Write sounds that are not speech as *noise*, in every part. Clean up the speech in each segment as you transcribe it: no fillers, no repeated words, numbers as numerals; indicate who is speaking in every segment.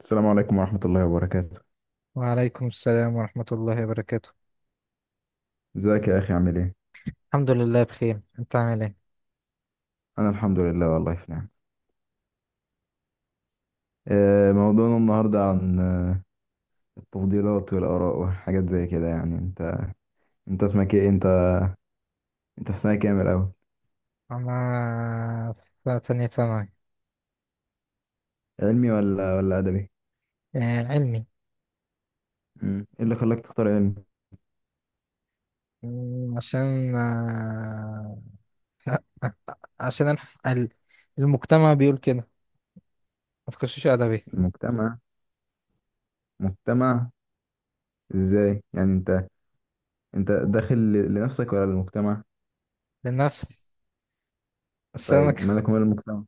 Speaker 1: السلام عليكم ورحمة الله وبركاته.
Speaker 2: وعليكم السلام ورحمة الله وبركاته.
Speaker 1: ازيك يا أخي عامل ايه؟
Speaker 2: الحمد لله بخير، انت عامل ايه؟
Speaker 1: أنا الحمد لله والله في نعم. موضوعنا النهاردة عن التفضيلات والآراء وحاجات زي كده يعني انت اسمك ايه؟ انت في سنة كام الأول؟
Speaker 2: انا في تانية ثانوي.
Speaker 1: علمي ولا أدبي؟
Speaker 2: آه، علمي.
Speaker 1: مم. ايه اللي خلاك تختار علمي؟
Speaker 2: عشان *laughs* عشان الح- ال- المجتمع بيقول كده، ما تخشوش ادبي.
Speaker 1: المجتمع، مجتمع ازاي؟ يعني انت داخل لنفسك ولا للمجتمع؟
Speaker 2: لنفس، بس انا ما
Speaker 1: طيب
Speaker 2: كان-
Speaker 1: مالك ومال المجتمع؟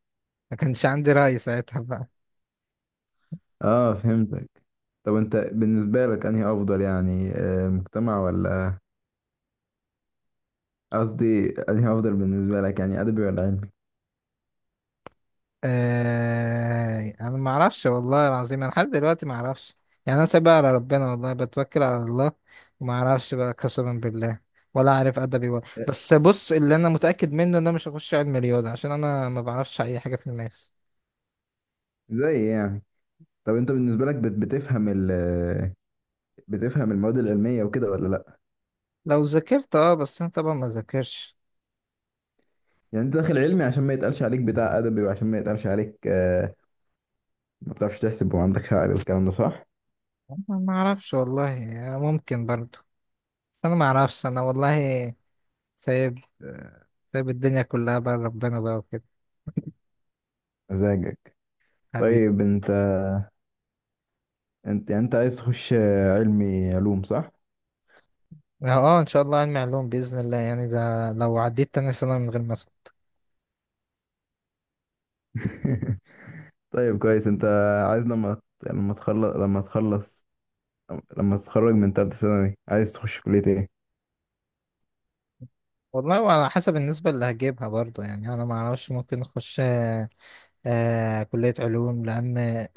Speaker 2: ما كانش عندي رأي ساعتها.
Speaker 1: اه فهمتك. طب انت بالنسبة لك انهي أفضل يعني المجتمع ولا، قصدي انهي افضل بالنسبه لك يعني ادبي ولا علمي؟
Speaker 2: آه، انا ما اعرفش والله العظيم، انا لحد دلوقتي ما اعرفش يعني. انا سايبها على ربنا والله، بتوكل على الله وما اعرفش بقى قسما بالله، ولا عارف ادبي ولا. بس بص، اللي انا متاكد منه ان انا مش هخش علم رياضه عشان انا ما بعرفش اي حاجه في الماس.
Speaker 1: زي يعني. طب انت بالنسبه لك بتفهم بتفهم المواد العلميه وكده ولا لا؟
Speaker 2: لو ذاكرت اه، بس انا طبعا ما ذاكرش.
Speaker 1: يعني انت داخل علمي عشان ما يتقالش عليك بتاع ادبي وعشان ما يتقالش عليك ما بتعرفش تحسب وما عندكش عقل، الكلام ده صح؟
Speaker 2: أنا ما اعرفش والله، يعني ممكن برضو، بس انا ما اعرفش انا والله. سايب سايب الدنيا كلها بقى ربنا بقى وكده.
Speaker 1: مزاجك.
Speaker 2: حبيبي.
Speaker 1: طيب انت، انت عايز تخش علمي علوم صح؟
Speaker 2: اه، ان شاء الله علمي علوم باذن الله، يعني ده لو عديت تاني سنه من غير ماسك.
Speaker 1: *laughs* طيب كويس. انت عايز لما، لما تخلص لما تتخرج من تالتة ثانوي عايز تخش كلية ايه؟
Speaker 2: والله، وعلى حسب النسبه اللي هجيبها برضو، يعني انا ما اعرفش. ممكن اخش كليه علوم، لان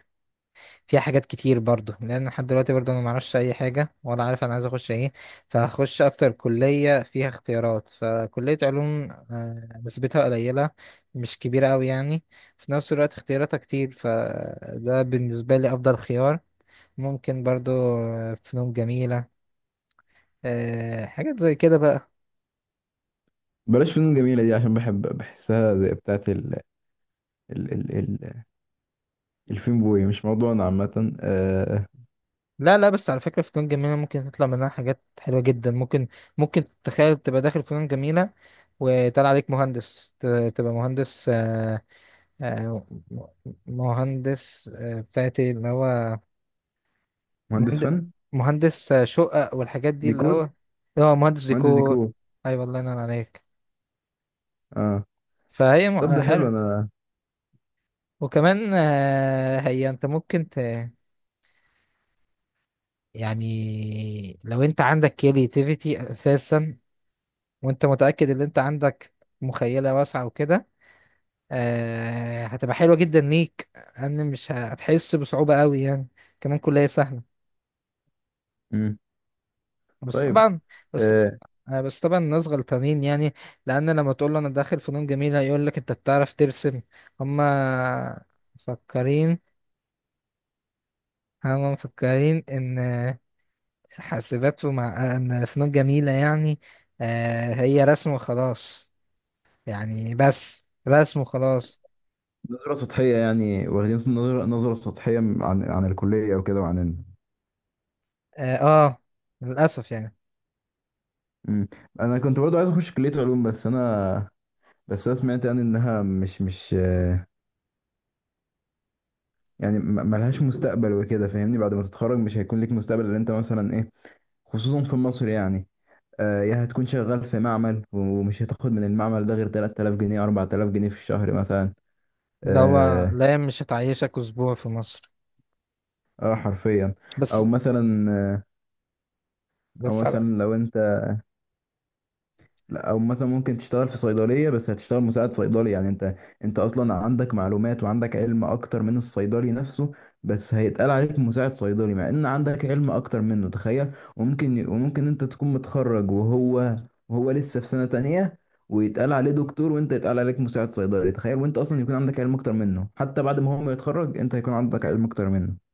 Speaker 2: فيها حاجات كتير برضو، لان لحد دلوقتي برضو انا ما اعرفش اي حاجه، ولا عارف انا عايز اخش ايه. فهخش اكتر كليه فيها اختيارات، فكليه علوم آه نسبتها قليله، مش كبيره قوي يعني، في نفس الوقت اختياراتها كتير، فده بالنسبه لي افضل خيار. ممكن برضو فنون جميله، آه حاجات زي كده بقى.
Speaker 1: بلاش فنون جميلة دي، عشان بحب بحسها زي بتاعة ال الفين بوي. مش موضوعنا عامة. آه،
Speaker 2: لا لا، بس على فكرة فنون جميلة ممكن تطلع منها حاجات حلوة جدا. ممكن ممكن تتخيل تبقى داخل فنون جميلة وطلع عليك مهندس ت- تبقى مهندس آه مهندس بتاعتي اللي هو
Speaker 1: مهندس
Speaker 2: مهندس،
Speaker 1: فن،
Speaker 2: شقق والحاجات دي، اللي
Speaker 1: ديكور.
Speaker 2: هو هو مهندس
Speaker 1: مهندس
Speaker 2: ديكور.
Speaker 1: ديكور.
Speaker 2: ايوه، الله ينور عليك.
Speaker 1: اه.
Speaker 2: فهي م-
Speaker 1: طب
Speaker 2: آه،
Speaker 1: ده حلو.
Speaker 2: حلو.
Speaker 1: انا
Speaker 2: وكمان آه هي انت ممكن ت يعني لو انت عندك كرياتيفيتي اساسا، وانت متأكد ان انت عندك مخيلة واسعة وكده، آه هتبقى حلوة جدا ليك، ان مش هتحس بصعوبة قوي يعني. كمان كلية سهلة.
Speaker 1: مم.
Speaker 2: بس
Speaker 1: طيب
Speaker 2: طبعا، بس
Speaker 1: آه،
Speaker 2: بس طبعا الناس غلطانين يعني، لان لما تقول له انا داخل فنون جميلة يقول لك انت بتعرف ترسم. هما مفكرين هما مفكرين ان حاسبات، ومع ان فنون جميلة يعني آه هي رسم وخلاص، يعني بس رسم وخلاص.
Speaker 1: نظرة سطحية يعني، واخدين نظرة سطحية عن عن الكلية وكده وعن.
Speaker 2: اه، للأسف يعني.
Speaker 1: مم. انا كنت برضو عايز اخش كلية علوم بس انا، بس انا سمعت يعني انها مش يعني ملهاش مستقبل وكده، فاهمني؟ بعد ما تتخرج مش هيكون ليك مستقبل اللي انت مثلا ايه. خصوصا في مصر يعني، يا هتكون شغال في معمل ومش هتاخد من المعمل ده غير 3000 جنيه 4000 جنيه في الشهر مثلا.
Speaker 2: اللي هو
Speaker 1: اه
Speaker 2: لا، مش هتعيشك اسبوع في مصر.
Speaker 1: حرفيا. او
Speaker 2: بس
Speaker 1: مثلا او
Speaker 2: بس
Speaker 1: مثلا
Speaker 2: على
Speaker 1: لو انت، لا او مثلا ممكن تشتغل في صيدليه بس هتشتغل مساعد صيدلي، يعني انت، انت اصلا عندك معلومات وعندك علم اكتر من الصيدلي نفسه، بس هيتقال عليك مساعد صيدلي مع ان عندك علم اكتر منه. تخيل! وممكن انت تكون متخرج وهو، وهو لسه في سنه تانية ويتقال عليه دكتور وانت يتقال عليك مساعد صيدلي. تخيل! وانت اصلا يكون عندك علم اكتر منه، حتى بعد ما هو ما يتخرج انت هيكون عندك علم اكتر منه.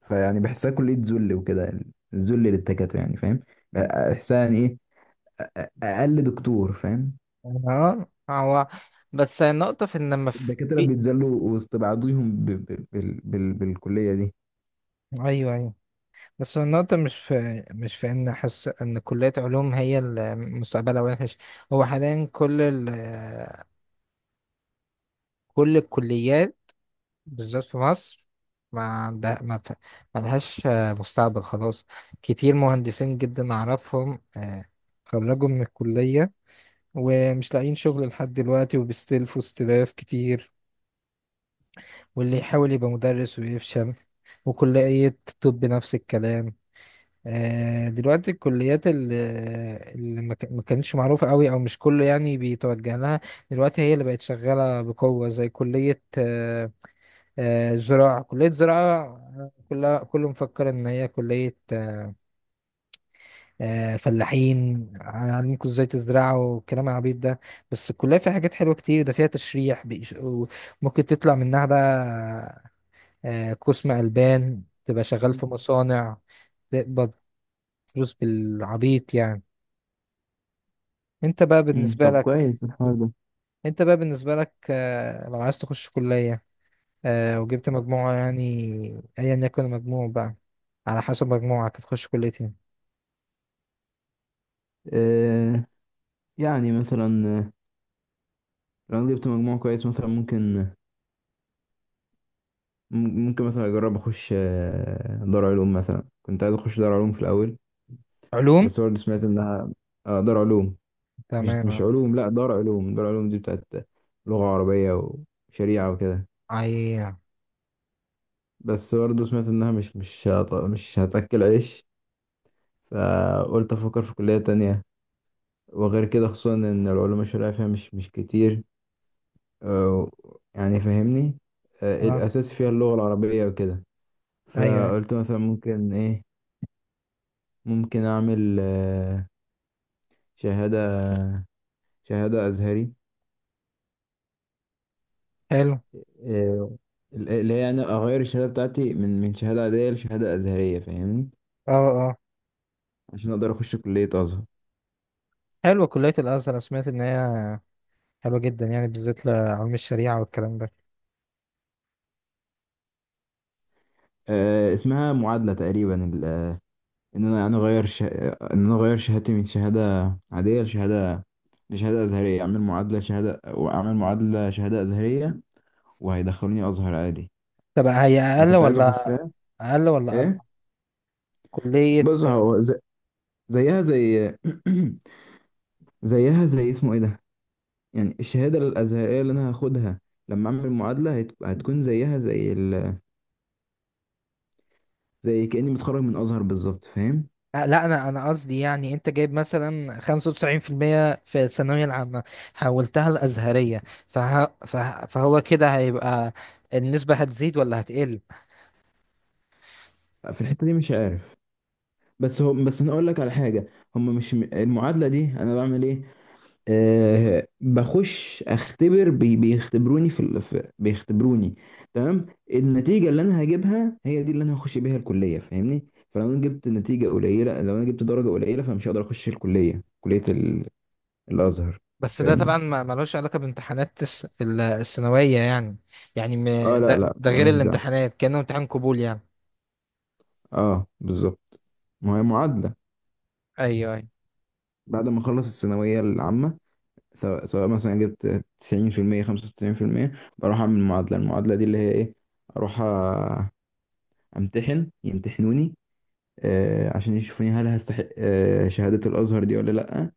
Speaker 1: فيعني بحسها كليه ذل وكده، الذل للدكاتره يعني فاهم؟ بحسها يعني ايه، اقل دكتور، فاهم؟
Speaker 2: اه هو، بس النقطة في ان ما في.
Speaker 1: الدكاترة بيتذلوا وسط بعضيهم بالكلية دي.
Speaker 2: ايوه، ايوه، بس هو النقطة مش في ان احس ان كلية علوم هي اللي مستقبلها وحش. هو حاليا كل الكليات بالذات في مصر ما عندها ما ف- ما لهاش مستقبل خلاص. كتير مهندسين جدا اعرفهم، خرجوا من الكلية ومش لاقيين شغل لحد دلوقتي، وبيستلفوا استلاف كتير، واللي يحاول يبقى مدرس ويفشل. وكلية طب نفس الكلام. آه، دلوقتي الكليات اللي ما كانتش معروفة قوي أو مش كله يعني بيتوجه لها، دلوقتي هي اللي بقت شغالة بقوة، زي كلية زراعة. كلية زراعة، آه، كلها كله مفكر إن هي كلية فلاحين، هنعلمكم ازاي تزرعوا والكلام العبيط ده. بس الكلية فيها حاجات حلوة كتير، ده فيها تشريح وممكن تطلع منها بقى قسم ألبان تبقى شغال
Speaker 1: كويس.
Speaker 2: في مصانع، تقبض فلوس بالعبيط يعني. انت بقى بالنسبة
Speaker 1: طب
Speaker 2: لك
Speaker 1: كويس الحوار ده.
Speaker 2: انت بقى بالنسبة لك لو عايز تخش كلية وجبت مجموعة يعني، ايا يكن المجموع بقى، على حسب مجموعك هتخش كلية ايه.
Speaker 1: آه يعني مثلا لو انا جبت مجموع كويس مثلا ممكن، ممكن مثلا اجرب اخش دار علوم، مثلا كنت عايز اخش دار علوم في الاول.
Speaker 2: علوم.
Speaker 1: بس برضه سمعت انها، آه دار علوم، مش
Speaker 2: تمام.
Speaker 1: علوم، لا دار علوم دي بتاعت لغة عربية وشريعة وكده.
Speaker 2: ايوه.
Speaker 1: بس برضه سمعت انها مش هتاكل عيش، فقلت افكر في كلية تانية. وغير كده خصوصا ان العلوم الشرعيه فيها مش كتير، آه، يعني فاهمني؟
Speaker 2: اه.
Speaker 1: الاساس فيها اللغه العربيه وكده.
Speaker 2: ايوه.
Speaker 1: فقلت مثلا ممكن ايه، ممكن اعمل شهاده، شهاده ازهري.
Speaker 2: حلو.
Speaker 1: آه، اللي هي يعني اغير الشهاده بتاعتي من شهاده عاديه لشهاده ازهريه، فاهمني؟
Speaker 2: اه. اه.
Speaker 1: عشان اقدر اخش كليه ازهر.
Speaker 2: حلوة كلية الأزهر، أنا سمعت إن هي حلوة جدا، يعني بالذات لعلم الشريعة والكلام ده.
Speaker 1: اسمها معادله تقريبا. ان انا يعني ان انا اغير شهادتي من شهاده عاديه لشهاده ازهريه، اعمل معادله شهاده، واعمل معادله شهاده ازهريه، وهيدخلوني ازهر عادي.
Speaker 2: طب هي
Speaker 1: انا
Speaker 2: أقل
Speaker 1: كنت عايز
Speaker 2: ولا
Speaker 1: اخشها.
Speaker 2: أقل ولا
Speaker 1: ايه،
Speaker 2: أكبر كلية؟
Speaker 1: بص هو زيها زي، *clears throat* زيها زي اسمه ايه ده، يعني الشهاده الازهريه اللي انا هاخدها لما اعمل معادله هتكون زيها زي زي كاني متخرج من ازهر بالظبط، فاهم؟
Speaker 2: أه، لا، أنا قصدي يعني أنت جايب مثلا 95% في المية في الثانوية العامة، حولتها الأزهرية، فهو كده هيبقى النسبة هتزيد ولا هتقل.
Speaker 1: في الحته دي مش عارف، بس هم، بس انا اقول لك على حاجه، هم مش، المعادله دي انا بعمل ايه؟ أه بخش اختبر، بيختبروني في، بيختبروني. تمام. النتيجه اللي انا هجيبها هي دي اللي انا هخش بيها الكليه، فاهمني؟ فلو انا جبت نتيجه قليله، لو انا جبت درجه قليله، فمش هقدر اخش الكليه، الازهر.
Speaker 2: بس ده
Speaker 1: فاهمني؟
Speaker 2: طبعا ما ملوش علاقة بامتحانات الثانوية يعني، يعني م...
Speaker 1: اه لا لا
Speaker 2: ده ده غير
Speaker 1: ملوش دعوه.
Speaker 2: الامتحانات، كأنه امتحان قبول يعني.
Speaker 1: اه بالظبط، ما هي معادله.
Speaker 2: أيوه،
Speaker 1: بعد ما اخلص الثانويه العامه، سواء مثلا جبت 90% 95%، بروح اعمل معادله. المعادله دي اللي هي ايه؟ اروح امتحن، يمتحنوني آه عشان يشوفوني هل هستحق آه شهادة الازهر دي ولا لا،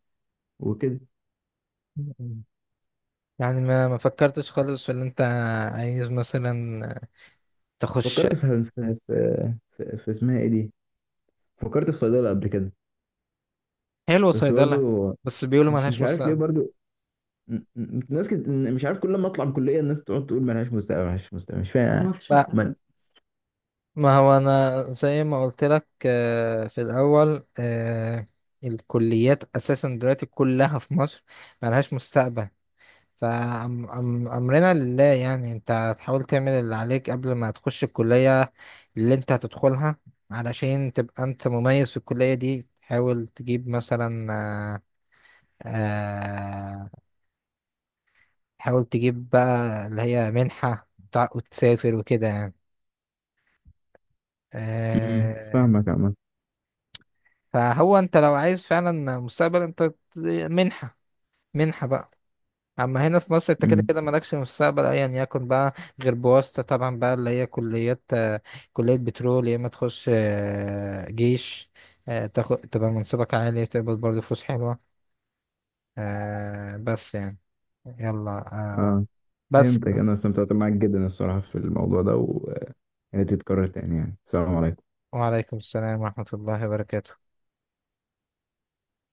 Speaker 1: وكده.
Speaker 2: أيوه. يعني ما ما فكرتش خالص في اللي انت عايز مثلا تخش.
Speaker 1: فكرت في اسمها ايه دي، فكرت في صيدلة قبل كده.
Speaker 2: حلو،
Speaker 1: بس
Speaker 2: صيدلة.
Speaker 1: برضه
Speaker 2: بس بيقولوا
Speaker 1: مش
Speaker 2: ملهاش
Speaker 1: عارف ليه
Speaker 2: مستقبل.
Speaker 1: برضه، ناس مش عارف، كل ما اطلع من الكلية الناس تقعد تقول ملهاش مستقبل ملهاش مستقبل، مش فاهم
Speaker 2: لا،
Speaker 1: من...
Speaker 2: ما هو انا زي ما قلت لك في الاول، آه، الكليات اساسا دلوقتي كلها في مصر ملهاش مستقبل. فأمرنا لله يعني، انت هتحاول تعمل اللي عليك قبل ما تخش الكلية اللي انت هتدخلها، علشان تبقى انت مميز في الكلية دي. تحاول تجيب مثلا آه، آه، حاول تجيب بقى اللي هي منحة، وتسافر وكده يعني،
Speaker 1: مم.
Speaker 2: آه.
Speaker 1: فاهمك عمال
Speaker 2: فهو انت لو عايز فعلا مستقبل، منحة، منحة بقى. اما هنا في مصر انت كده
Speaker 1: مم.
Speaker 2: كده مالكش مستقبل ايا يكن بقى، غير بواسطة طبعا بقى، اللي هي كليات، كلية بترول، يا اما تخش جيش، تاخد تبقى منصبك عالي، تقبض برضه فلوس حلوة. بس يعني يلا آه،
Speaker 1: اه
Speaker 2: بس
Speaker 1: فهمتك، انا استمتعت معاك جدا الصراحة في الموضوع ده، ويا ريت يتكرر تاني يعني. السلام عليكم.
Speaker 2: وعليكم السلام ورحمة الله وبركاته.